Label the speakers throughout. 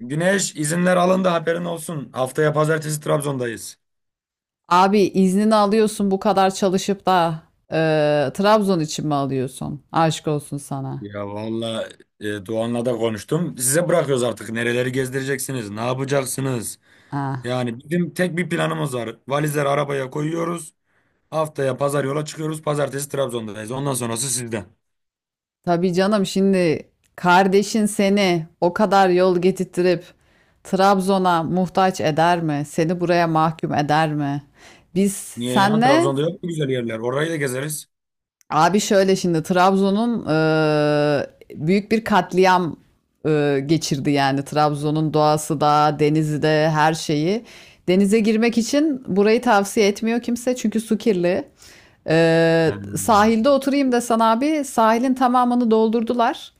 Speaker 1: Güneş izinler alındı haberin olsun. Haftaya pazartesi Trabzon'dayız.
Speaker 2: Abi iznini alıyorsun bu kadar çalışıp da Trabzon için mi alıyorsun? Aşk olsun sana.
Speaker 1: Ya valla Doğan'la da konuştum. Size bırakıyoruz artık. Nereleri gezdireceksiniz? Ne yapacaksınız?
Speaker 2: Ha.
Speaker 1: Yani bizim tek bir planımız var. Valizleri arabaya koyuyoruz. Haftaya pazar yola çıkıyoruz. Pazartesi Trabzon'dayız. Ondan sonrası sizden.
Speaker 2: Tabii canım, şimdi kardeşin seni o kadar yol getirttirip Trabzon'a muhtaç eder mi? Seni buraya mahkum eder mi? Biz
Speaker 1: Niye ya?
Speaker 2: senle
Speaker 1: Trabzon'da yok mu güzel yerler? Orayı da gezeriz.
Speaker 2: abi şöyle şimdi Trabzon'un büyük bir katliam geçirdi yani. Trabzon'un doğası da, denizi de, her şeyi. Denize girmek için burayı tavsiye etmiyor kimse çünkü su kirli.
Speaker 1: Hmm.
Speaker 2: Sahilde oturayım desen abi, sahilin tamamını doldurdular.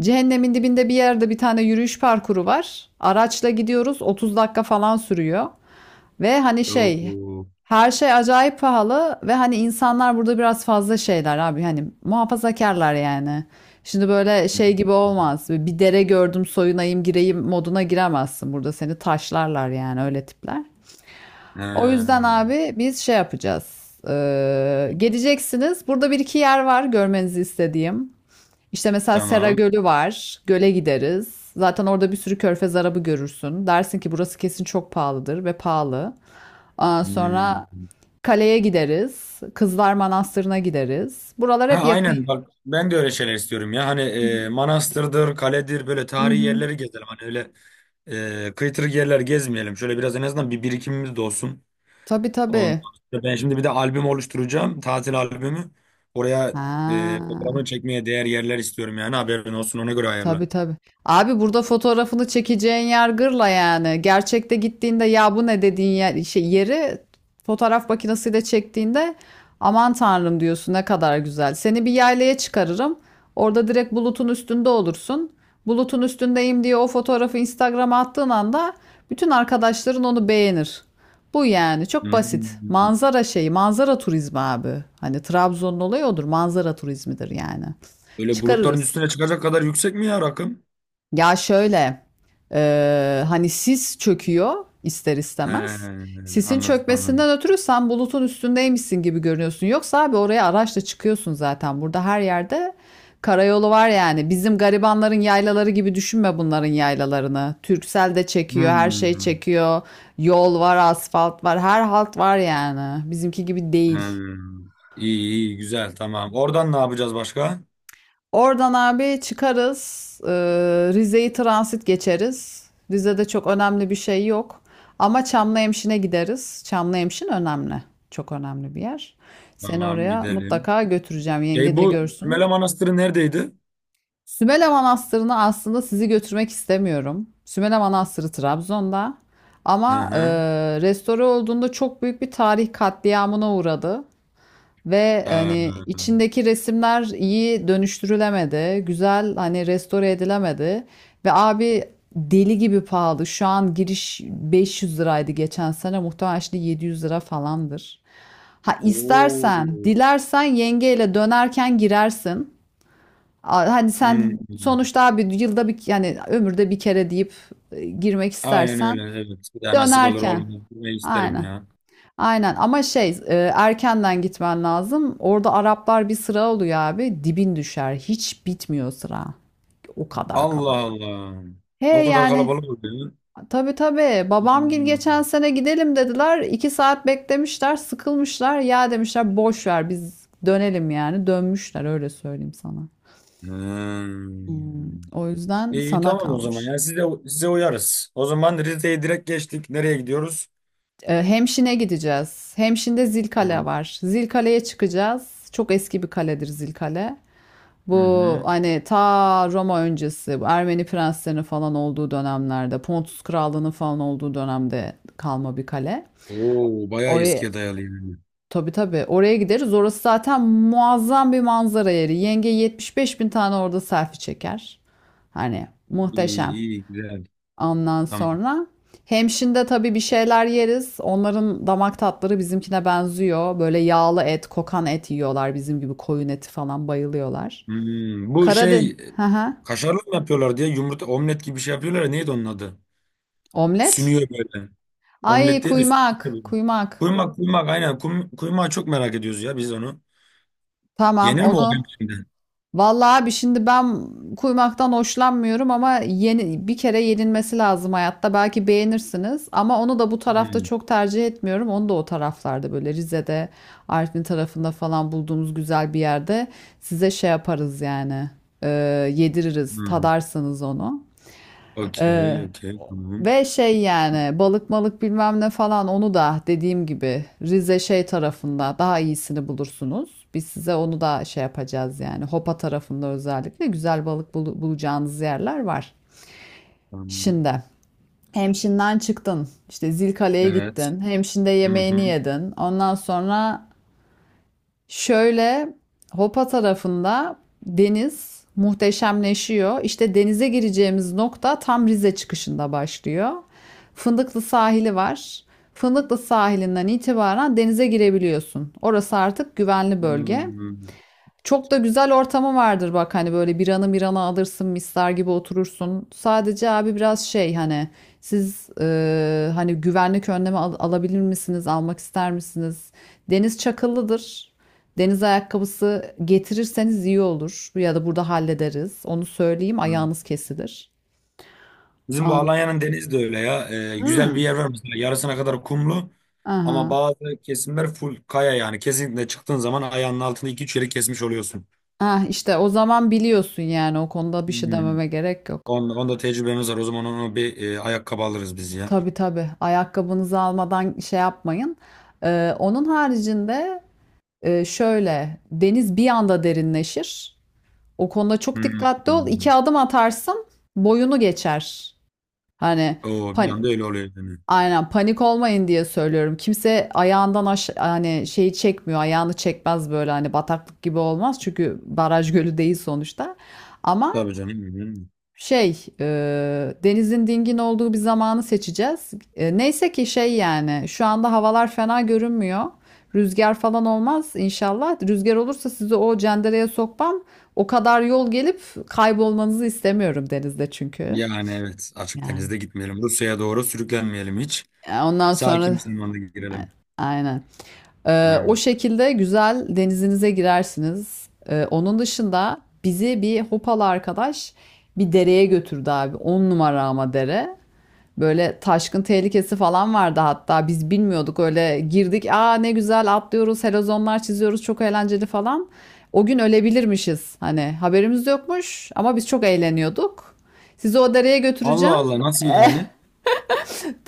Speaker 2: Cehennemin dibinde bir yerde bir tane yürüyüş parkuru var. Araçla gidiyoruz, 30 dakika falan sürüyor. Ve hani şey,
Speaker 1: Oo.
Speaker 2: her şey acayip pahalı ve hani insanlar burada biraz fazla şeyler abi, hani muhafazakarlar yani. Şimdi böyle şey gibi olmaz. Bir dere gördüm, soyunayım gireyim moduna giremezsin. Burada seni taşlarlar yani, öyle tipler. O yüzden
Speaker 1: Hmm.
Speaker 2: abi biz şey yapacağız. Geleceksiniz. Burada bir iki yer var görmenizi istediğim. İşte mesela Sera
Speaker 1: Tamam.
Speaker 2: Gölü var. Göle gideriz. Zaten orada bir sürü körfez arabı görürsün. Dersin ki burası kesin çok pahalıdır, ve pahalı. Ondan sonra
Speaker 1: Hmm.
Speaker 2: kaleye gideriz. Kızlar Manastırı'na gideriz. Buralar
Speaker 1: Ha
Speaker 2: hep yakın.
Speaker 1: aynen bak ben de öyle şeyler istiyorum ya. Hani manastırdır, kaledir böyle
Speaker 2: Hı
Speaker 1: tarihi
Speaker 2: hı.
Speaker 1: yerleri gezelim. Hani öyle kıytırık yerler gezmeyelim. Şöyle biraz en azından bir birikimimiz de olsun.
Speaker 2: Tabii
Speaker 1: Ondan
Speaker 2: tabii.
Speaker 1: sonra ben şimdi bir de albüm oluşturacağım. Tatil albümü. Oraya
Speaker 2: Ha.
Speaker 1: fotoğrafını çekmeye değer yerler istiyorum yani haberin olsun ona göre ayarla.
Speaker 2: Tabii tabii. Abi burada fotoğrafını çekeceğin yer gırla yani. Gerçekte gittiğinde ya bu ne dediğin yer, şey, yeri fotoğraf makinesiyle çektiğinde aman tanrım diyorsun, ne kadar güzel. Seni bir yaylaya çıkarırım. Orada direkt bulutun üstünde olursun. Bulutun üstündeyim diye o fotoğrafı Instagram'a attığın anda bütün arkadaşların onu beğenir. Bu yani çok basit.
Speaker 1: Hmm.
Speaker 2: Manzara şeyi, manzara turizmi abi. Hani Trabzon'un olayı odur. Manzara turizmidir yani.
Speaker 1: Öyle bulutların
Speaker 2: Çıkarırız.
Speaker 1: üstüne çıkacak kadar yüksek mi ya rakım?
Speaker 2: Ya şöyle, hani sis çöküyor ister
Speaker 1: He,
Speaker 2: istemez. Sisin
Speaker 1: anladım.
Speaker 2: çökmesinden ötürü sen bulutun üstündeymişsin gibi görünüyorsun. Yoksa abi oraya araçla çıkıyorsun zaten. Burada her yerde karayolu var yani. Bizim garibanların yaylaları gibi düşünme bunların yaylalarını. Türksel de çekiyor, her şey
Speaker 1: Hmm.
Speaker 2: çekiyor. Yol var, asfalt var, her halt var yani. Bizimki gibi değil.
Speaker 1: Hmm. İyi iyi güzel tamam. Oradan ne yapacağız başka?
Speaker 2: Oradan abi çıkarız. Rize'yi transit geçeriz. Rize'de çok önemli bir şey yok. Ama Çamlıhemşin'e gideriz. Çamlıhemşin önemli. Çok önemli bir yer. Seni
Speaker 1: Tamam
Speaker 2: oraya
Speaker 1: gidelim.
Speaker 2: mutlaka götüreceğim. Yenge
Speaker 1: Ya
Speaker 2: de
Speaker 1: bu
Speaker 2: görsün.
Speaker 1: Sümele Manastırı neredeydi?
Speaker 2: Sümele Manastırı'na aslında sizi götürmek istemiyorum. Sümele Manastırı Trabzon'da.
Speaker 1: Hı
Speaker 2: Ama
Speaker 1: hı.
Speaker 2: restore olduğunda çok büyük bir tarih katliamına uğradı. Ve hani
Speaker 1: Ee,
Speaker 2: içindeki resimler iyi dönüştürülemedi. Güzel, hani restore edilemedi. Ve abi deli gibi pahalı. Şu an giriş 500 liraydı geçen sene. Muhtemelen şimdi 700 lira falandır. Ha istersen,
Speaker 1: Oo.
Speaker 2: dilersen yengeyle dönerken girersin. Hani sen
Speaker 1: Hmm.
Speaker 2: sonuçta abi yılda bir yani ömürde bir kere deyip girmek
Speaker 1: Aynen
Speaker 2: istersen
Speaker 1: öyle evet. Bir daha nasip olur
Speaker 2: dönerken.
Speaker 1: olmaz. Gitmeyi isterim
Speaker 2: Aynen.
Speaker 1: ya.
Speaker 2: Aynen ama şey erkenden gitmen lazım. Orada Araplar bir sıra oluyor abi. Dibin düşer. Hiç bitmiyor sıra. O kadar
Speaker 1: Allah
Speaker 2: kalabalık.
Speaker 1: Allah.
Speaker 2: He
Speaker 1: O kadar
Speaker 2: yani
Speaker 1: kalabalık oluyor.
Speaker 2: tabii tabii, babamgil geçen
Speaker 1: Hmm.
Speaker 2: sene gidelim dediler. 2 saat beklemişler, sıkılmışlar. Ya demişler boş ver, biz dönelim yani. Dönmüşler, öyle söyleyeyim sana.
Speaker 1: Hmm.
Speaker 2: Hmm, o yüzden
Speaker 1: İyi
Speaker 2: sana
Speaker 1: tamam o zaman.
Speaker 2: kalmış.
Speaker 1: Yani size uyarız. O zaman Rize'ye direkt geçtik. Nereye gidiyoruz?
Speaker 2: Hemşin'e gideceğiz. Hemşin'de Zilkale
Speaker 1: Tamam.
Speaker 2: var. Zilkale'ye çıkacağız. Çok eski bir kaledir Zilkale.
Speaker 1: Hı
Speaker 2: Bu
Speaker 1: hı.
Speaker 2: hani ta Roma öncesi, bu Ermeni prenslerinin falan olduğu dönemlerde, Pontus Krallığı'nın falan olduğu dönemde kalma bir kale.
Speaker 1: Oo bayağı
Speaker 2: Oraya
Speaker 1: eskiye dayalı yani.
Speaker 2: tabii tabii, oraya gideriz. Orası zaten muazzam bir manzara yeri. Yenge 75 bin tane orada selfie çeker. Hani
Speaker 1: İyi
Speaker 2: muhteşem.
Speaker 1: iyi güzel.
Speaker 2: Ondan
Speaker 1: Tamam.
Speaker 2: sonra Hemşin'de tabii bir şeyler yeriz. Onların damak tatları bizimkine benziyor. Böyle yağlı et, kokan et yiyorlar, bizim gibi koyun eti falan bayılıyorlar.
Speaker 1: Hmm, bu
Speaker 2: Karadeniz.
Speaker 1: şey
Speaker 2: Hı hı.
Speaker 1: kaşarlı mı yapıyorlar diye yumurta omlet gibi bir şey yapıyorlar ya neydi onun adı?
Speaker 2: Omlet?
Speaker 1: Sünüyor böyle.
Speaker 2: Ay,
Speaker 1: Omlet değil de
Speaker 2: kuymak,
Speaker 1: sünüyor böyle.
Speaker 2: kuymak.
Speaker 1: Kuymak kuymak aynen. Kuymağı çok merak ediyoruz ya biz onu.
Speaker 2: Tamam,
Speaker 1: Yenir mi o hem
Speaker 2: onu.
Speaker 1: şimdi?
Speaker 2: Vallahi abi şimdi ben kuymaktan hoşlanmıyorum, ama yeni bir kere yenilmesi lazım hayatta. Belki beğenirsiniz ama onu da bu tarafta
Speaker 1: Hmm,
Speaker 2: çok tercih etmiyorum. Onu da o taraflarda böyle Rize'de, Artvin tarafında falan bulduğumuz güzel bir yerde size şey yaparız yani. Ee, Yediririz,
Speaker 1: hmm.
Speaker 2: tadarsanız onu. Ee,
Speaker 1: Okey okey tamam.
Speaker 2: Ve şey yani balık malık bilmem ne falan, onu da dediğim gibi Rize şey tarafında daha iyisini bulursunuz. Biz size onu da şey yapacağız yani, Hopa tarafında özellikle güzel balık bulacağınız yerler var.
Speaker 1: Tamam.
Speaker 2: Şimdi Hemşin'den çıktın, işte Zilkale'ye
Speaker 1: Evet.
Speaker 2: gittin, Hemşin'de
Speaker 1: Hı
Speaker 2: yemeğini
Speaker 1: hı.
Speaker 2: yedin, ondan sonra şöyle Hopa tarafında deniz muhteşemleşiyor. İşte denize gireceğimiz nokta tam Rize çıkışında başlıyor. Fındıklı sahili var. Fındıklı sahilinden itibaren denize girebiliyorsun. Orası artık güvenli bölge.
Speaker 1: Hmm,
Speaker 2: Çok da güzel ortamı vardır bak, hani böyle biranı mirana alırsın, misler gibi oturursun. Sadece abi biraz şey, hani siz hani güvenlik önlemi alabilir misiniz, almak ister misiniz? Deniz çakıllıdır. Deniz ayakkabısı getirirseniz iyi olur, ya da burada hallederiz. Onu söyleyeyim,
Speaker 1: hı.
Speaker 2: ayağınız kesilir.
Speaker 1: Bizim bu
Speaker 2: An.
Speaker 1: Alanya'nın denizi de öyle ya. Güzel
Speaker 2: Hmm.
Speaker 1: bir yer var mesela yarısına kadar kumlu. Ama
Speaker 2: Aha.
Speaker 1: bazı kesimler full kaya yani. Kesinlikle çıktığın zaman ayağının altında iki üç yeri kesmiş oluyorsun.
Speaker 2: Ah işte o zaman biliyorsun yani, o konuda bir şey
Speaker 1: Hmm.
Speaker 2: dememe gerek yok.
Speaker 1: Onda tecrübemiz var. O zaman onu bir ayakkabı alırız biz ya.
Speaker 2: Tabii tabii. Ayakkabınızı almadan şey yapmayın. Onun haricinde şöyle, deniz bir anda derinleşir. O konuda çok
Speaker 1: Hmm.
Speaker 2: dikkatli ol. 2 adım atarsın, boyunu geçer. Hani
Speaker 1: Oo, bir
Speaker 2: pan-
Speaker 1: anda öyle oluyor yani.
Speaker 2: aynen, panik olmayın diye söylüyorum. Kimse ayağından aş hani şeyi çekmiyor. Ayağını çekmez, böyle hani bataklık gibi olmaz. Çünkü baraj gölü değil sonuçta. Ama
Speaker 1: Tabii canım. Hmm.
Speaker 2: şey, denizin dingin olduğu bir zamanı seçeceğiz. Neyse ki şey yani şu anda havalar fena görünmüyor. Rüzgar falan olmaz inşallah. Rüzgar olursa sizi o cendereye sokmam. O kadar yol gelip kaybolmanızı istemiyorum denizde çünkü.
Speaker 1: Yani evet. Açık
Speaker 2: Yani
Speaker 1: denizde gitmeyelim. Rusya'ya doğru sürüklenmeyelim hiç.
Speaker 2: ondan
Speaker 1: Sakin
Speaker 2: sonra
Speaker 1: bir zamanda
Speaker 2: a-
Speaker 1: girelim.
Speaker 2: aynen. O
Speaker 1: Aynen.
Speaker 2: şekilde güzel, denizinize girersiniz. Onun dışında, bizi bir hopalı arkadaş bir dereye götürdü abi. On numara ama dere. Böyle taşkın tehlikesi falan vardı, hatta biz bilmiyorduk öyle girdik, aa ne güzel atlıyoruz, helezonlar çiziyoruz, çok eğlenceli falan. O gün ölebilirmişiz, hani haberimiz yokmuş ama biz çok eğleniyorduk. Sizi o dereye
Speaker 1: Allah
Speaker 2: götüreceğim.
Speaker 1: Allah nasıl yani?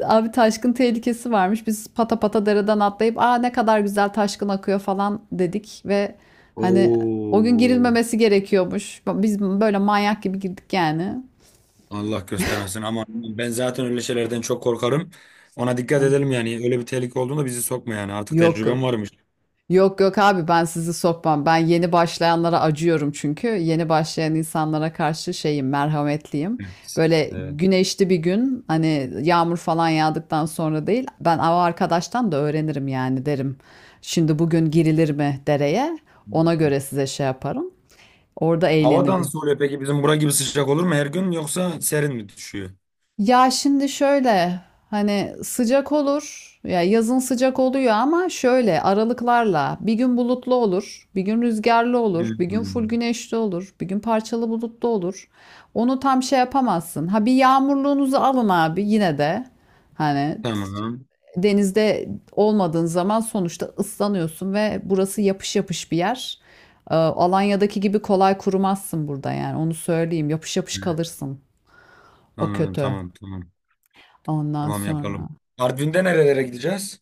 Speaker 2: Abi taşkın tehlikesi varmış. Biz pata pata dereden atlayıp aa ne kadar güzel taşkın akıyor falan dedik ve hani o gün
Speaker 1: Oo.
Speaker 2: girilmemesi gerekiyormuş. Biz böyle manyak gibi girdik yani.
Speaker 1: Allah göstermesin ama ben zaten öyle şeylerden çok korkarım. Ona dikkat
Speaker 2: Yani
Speaker 1: edelim yani. Öyle bir tehlike olduğunda bizi sokma yani. Artık
Speaker 2: yok yok.
Speaker 1: tecrübem varmış.
Speaker 2: Yok yok abi, ben sizi sokmam. Ben yeni başlayanlara acıyorum çünkü. Yeni başlayan insanlara karşı şeyim, merhametliyim.
Speaker 1: Evet.
Speaker 2: Böyle
Speaker 1: Evet.
Speaker 2: güneşli bir gün hani, yağmur falan yağdıktan sonra değil. Ben av arkadaştan da öğrenirim yani, derim. Şimdi bugün girilir mi dereye? Ona göre size şey yaparım. Orada
Speaker 1: Havadan
Speaker 2: eğleniriz.
Speaker 1: soruyor peki bizim bura gibi sıcak olur mu her gün yoksa serin mi düşüyor?
Speaker 2: Ya şimdi şöyle hani sıcak olur ya, yazın sıcak oluyor, ama şöyle aralıklarla bir gün bulutlu olur, bir gün rüzgarlı
Speaker 1: Hı
Speaker 2: olur, bir gün
Speaker 1: hı.
Speaker 2: full güneşli olur, bir gün parçalı bulutlu olur. Onu tam şey yapamazsın. Ha bir yağmurluğunuzu alın abi yine de, hani
Speaker 1: Tamam.
Speaker 2: denizde olmadığın zaman sonuçta ıslanıyorsun ve burası yapış yapış bir yer. Alanya'daki gibi kolay kurumazsın burada yani, onu söyleyeyim, yapış yapış
Speaker 1: Hı.
Speaker 2: kalırsın, o
Speaker 1: Anladım
Speaker 2: kötü.
Speaker 1: tamam tamam.
Speaker 2: Ondan
Speaker 1: Tamam
Speaker 2: sonra.
Speaker 1: yapalım. Artvin'de nerelere gideceğiz?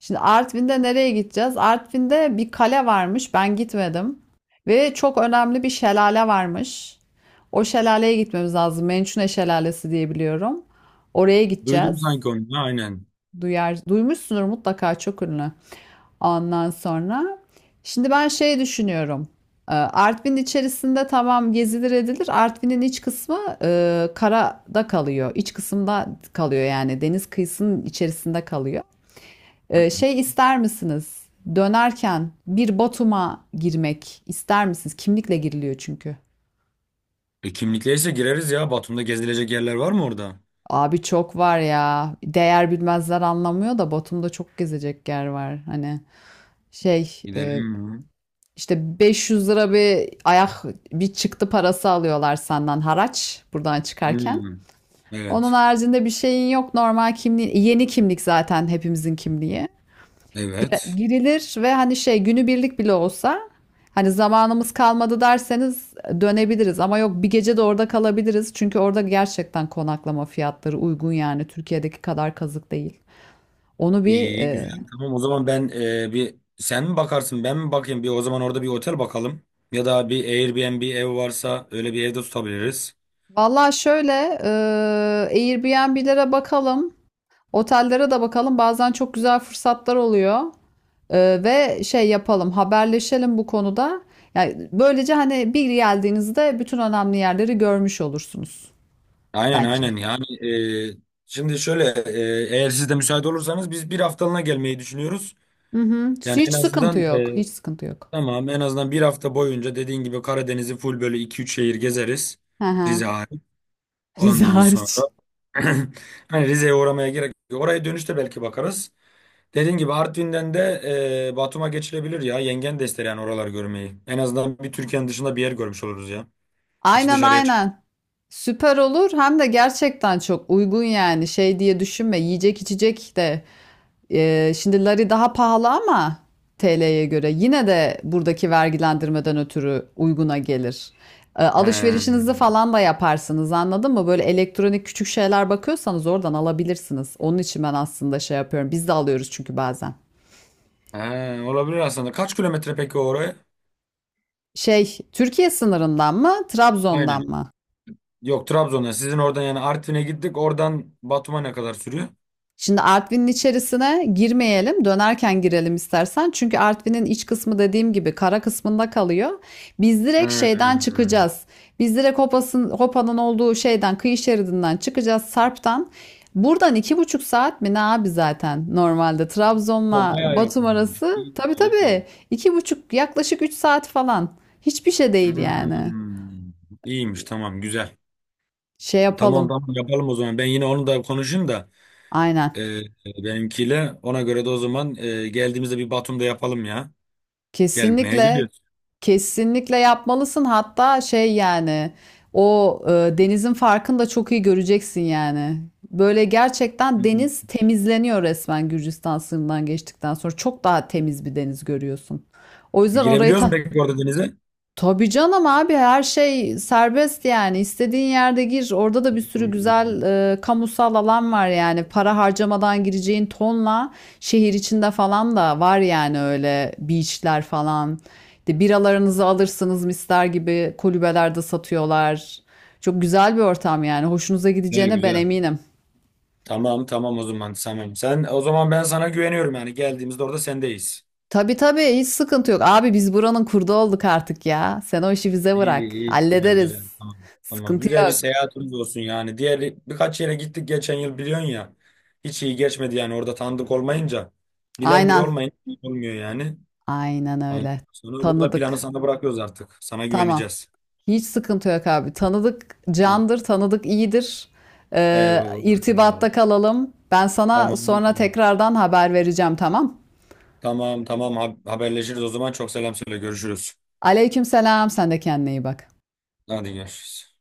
Speaker 2: Şimdi Artvin'de nereye gideceğiz? Artvin'de bir kale varmış. Ben gitmedim. Ve çok önemli bir şelale varmış. O şelaleye gitmemiz lazım. Mençune Şelalesi diye biliyorum. Oraya gideceğiz.
Speaker 1: Duydum sanki onu. Ha, aynen.
Speaker 2: Duymuşsunuz mutlaka, çok ünlü. Ondan sonra şimdi ben şey düşünüyorum. Artvin içerisinde tamam, gezilir edilir. Artvin'in iç kısmı karada kalıyor. İç kısımda kalıyor yani, deniz kıyısının içerisinde kalıyor. Şey ister misiniz? Dönerken bir Batum'a girmek ister misiniz? Kimlikle giriliyor çünkü.
Speaker 1: E, kimlikleyse gireriz ya. Batum'da gezilecek yerler var mı orada?
Speaker 2: Abi çok var ya. Değer bilmezler anlamıyor da, Batum'da çok gezecek yer var. Hani şey
Speaker 1: Gidelim mi?
Speaker 2: işte 500 lira bir ayak bir çıktı parası alıyorlar, senden haraç buradan çıkarken.
Speaker 1: Hmm.
Speaker 2: Onun
Speaker 1: Evet.
Speaker 2: haricinde bir şeyin yok, normal kimliğin. Yeni kimlik zaten hepimizin kimliği.
Speaker 1: Evet.
Speaker 2: Girilir ve hani şey günübirlik bile olsa, hani zamanımız kalmadı derseniz dönebiliriz, ama yok, bir gece de orada kalabiliriz. Çünkü orada gerçekten konaklama fiyatları uygun yani, Türkiye'deki kadar kazık değil. Onu bir
Speaker 1: İyi güzel. Tamam o zaman ben bir sen mi bakarsın ben mi bakayım? Bir o zaman orada bir otel bakalım. Ya da bir Airbnb ev varsa öyle bir evde tutabiliriz.
Speaker 2: valla şöyle Airbnb'lere bakalım, otellere de bakalım. Bazen çok güzel fırsatlar oluyor. Ve şey yapalım, haberleşelim bu konuda. Yani böylece, hani bir geldiğinizde bütün önemli yerleri görmüş olursunuz
Speaker 1: Aynen
Speaker 2: bence.
Speaker 1: aynen yani e, şimdi şöyle eğer siz de müsait olursanız biz bir haftalığına gelmeyi düşünüyoruz.
Speaker 2: Hı hı.
Speaker 1: Yani en
Speaker 2: Hiç sıkıntı
Speaker 1: azından
Speaker 2: yok. Hiç sıkıntı yok.
Speaker 1: tamam en azından bir hafta boyunca dediğin gibi Karadeniz'i full böyle iki üç şehir gezeriz.
Speaker 2: Hı hı.
Speaker 1: Rize hariç.
Speaker 2: Rize
Speaker 1: Ondan sonra
Speaker 2: hariç.
Speaker 1: hani Rize'ye uğramaya gerek yok. Oraya dönüşte belki bakarız. Dediğin gibi Artvin'den de Batum'a geçilebilir ya. Yengen de ister yani oraları görmeyi. En azından bir Türkiye'nin dışında bir yer görmüş oluruz ya. Hiç
Speaker 2: Aynen
Speaker 1: dışarıya çık.
Speaker 2: aynen. Süper olur. Hem de gerçekten çok uygun yani. Şey diye düşünme. Yiyecek içecek de. Şimdi lari daha pahalı, ama TL'ye göre. Yine de buradaki vergilendirmeden ötürü uyguna gelir.
Speaker 1: He.
Speaker 2: Alışverişinizi falan da yaparsınız, anladın mı? Böyle elektronik küçük şeyler bakıyorsanız oradan alabilirsiniz. Onun için ben aslında şey yapıyorum. Biz de alıyoruz çünkü bazen.
Speaker 1: He, olabilir aslında. Kaç kilometre peki oraya?
Speaker 2: Şey, Türkiye sınırından mı, Trabzon'dan
Speaker 1: Aynen.
Speaker 2: mı?
Speaker 1: Yok Trabzon'a. Sizin oradan yani Artvin'e gittik. Oradan Batum'a ne kadar sürüyor?
Speaker 2: Şimdi Artvin'in içerisine girmeyelim, dönerken girelim istersen. Çünkü Artvin'in iç kısmı, dediğim gibi, kara kısmında kalıyor. Biz direkt şeyden
Speaker 1: Hmm.
Speaker 2: çıkacağız. Biz direkt Hopas'ın, Hopa'nın olduğu şeyden, kıyı şeridinden çıkacağız, Sarp'tan. Buradan 2,5 saat mi ne abi, zaten normalde
Speaker 1: O
Speaker 2: Trabzon'la
Speaker 1: bayağı
Speaker 2: Batum
Speaker 1: yakınmış.
Speaker 2: arası.
Speaker 1: İyi,
Speaker 2: Tabii
Speaker 1: iyi,
Speaker 2: tabii,
Speaker 1: iyi.
Speaker 2: 2,5 yaklaşık 3 saat falan. Hiçbir şey değil yani.
Speaker 1: Hmm. İyiymiş tamam güzel.
Speaker 2: Şey
Speaker 1: Tamam
Speaker 2: yapalım.
Speaker 1: tamam yapalım o zaman. Ben yine onu da konuşayım da
Speaker 2: Aynen.
Speaker 1: e, e, benimkiyle. Ona göre de o zaman geldiğimizde bir Batum'da yapalım ya. Gelmeye
Speaker 2: Kesinlikle,
Speaker 1: geliyoruz.
Speaker 2: kesinlikle yapmalısın. Hatta şey yani o denizin farkını da çok iyi göreceksin yani. Böyle
Speaker 1: Hı
Speaker 2: gerçekten
Speaker 1: hı.
Speaker 2: deniz temizleniyor resmen, Gürcistan sınırından geçtikten sonra. Çok daha temiz bir deniz görüyorsun. O yüzden orayı
Speaker 1: Girebiliyoruz mu peki orada denize?
Speaker 2: tabii canım abi, her şey serbest yani, istediğin yerde gir, orada da bir
Speaker 1: Hı
Speaker 2: sürü
Speaker 1: hı.
Speaker 2: güzel kamusal alan var yani, para harcamadan gireceğin tonla, şehir içinde falan da var yani, öyle beachler falan de, biralarınızı alırsınız, mister gibi kulübelerde satıyorlar, çok güzel bir ortam yani, hoşunuza
Speaker 1: Güzel
Speaker 2: gideceğine ben
Speaker 1: güzel.
Speaker 2: eminim.
Speaker 1: Tamam tamam o zaman Samim. Sen o zaman ben sana güveniyorum yani geldiğimizde orada sendeyiz.
Speaker 2: Tabii tabii, hiç sıkıntı yok abi, biz buranın kurdu olduk artık ya, sen o işi bize
Speaker 1: İyi,
Speaker 2: bırak,
Speaker 1: iyi, güzel,
Speaker 2: hallederiz,
Speaker 1: güzel. Tamam, tamam.
Speaker 2: sıkıntı
Speaker 1: Güzel bir
Speaker 2: yok,
Speaker 1: seyahatimiz olsun yani. Diğer birkaç yere gittik geçen yıl biliyorsun ya. Hiç iyi geçmedi yani orada tanıdık olmayınca. Bilen biri
Speaker 2: aynen.
Speaker 1: olmayınca iyi olmuyor yani.
Speaker 2: Aynen
Speaker 1: Ondan
Speaker 2: öyle.
Speaker 1: sonra burada planı
Speaker 2: Tanıdık.
Speaker 1: sana bırakıyoruz artık. Sana
Speaker 2: Tamam.
Speaker 1: güveneceğiz.
Speaker 2: Hiç sıkıntı yok abi. Tanıdık
Speaker 1: Tamam.
Speaker 2: candır, tanıdık iyidir.
Speaker 1: Eyvallah, eyvallah.
Speaker 2: İrtibatta kalalım. Ben sana
Speaker 1: Tamam,
Speaker 2: sonra
Speaker 1: tamam.
Speaker 2: tekrardan haber vereceğim, tamam?
Speaker 1: Tamam, tamam. Ha- Haberleşiriz o zaman. Çok selam söyle. Görüşürüz.
Speaker 2: Aleykümselam. Sen de kendine iyi bak.
Speaker 1: Hadi görüşürüz.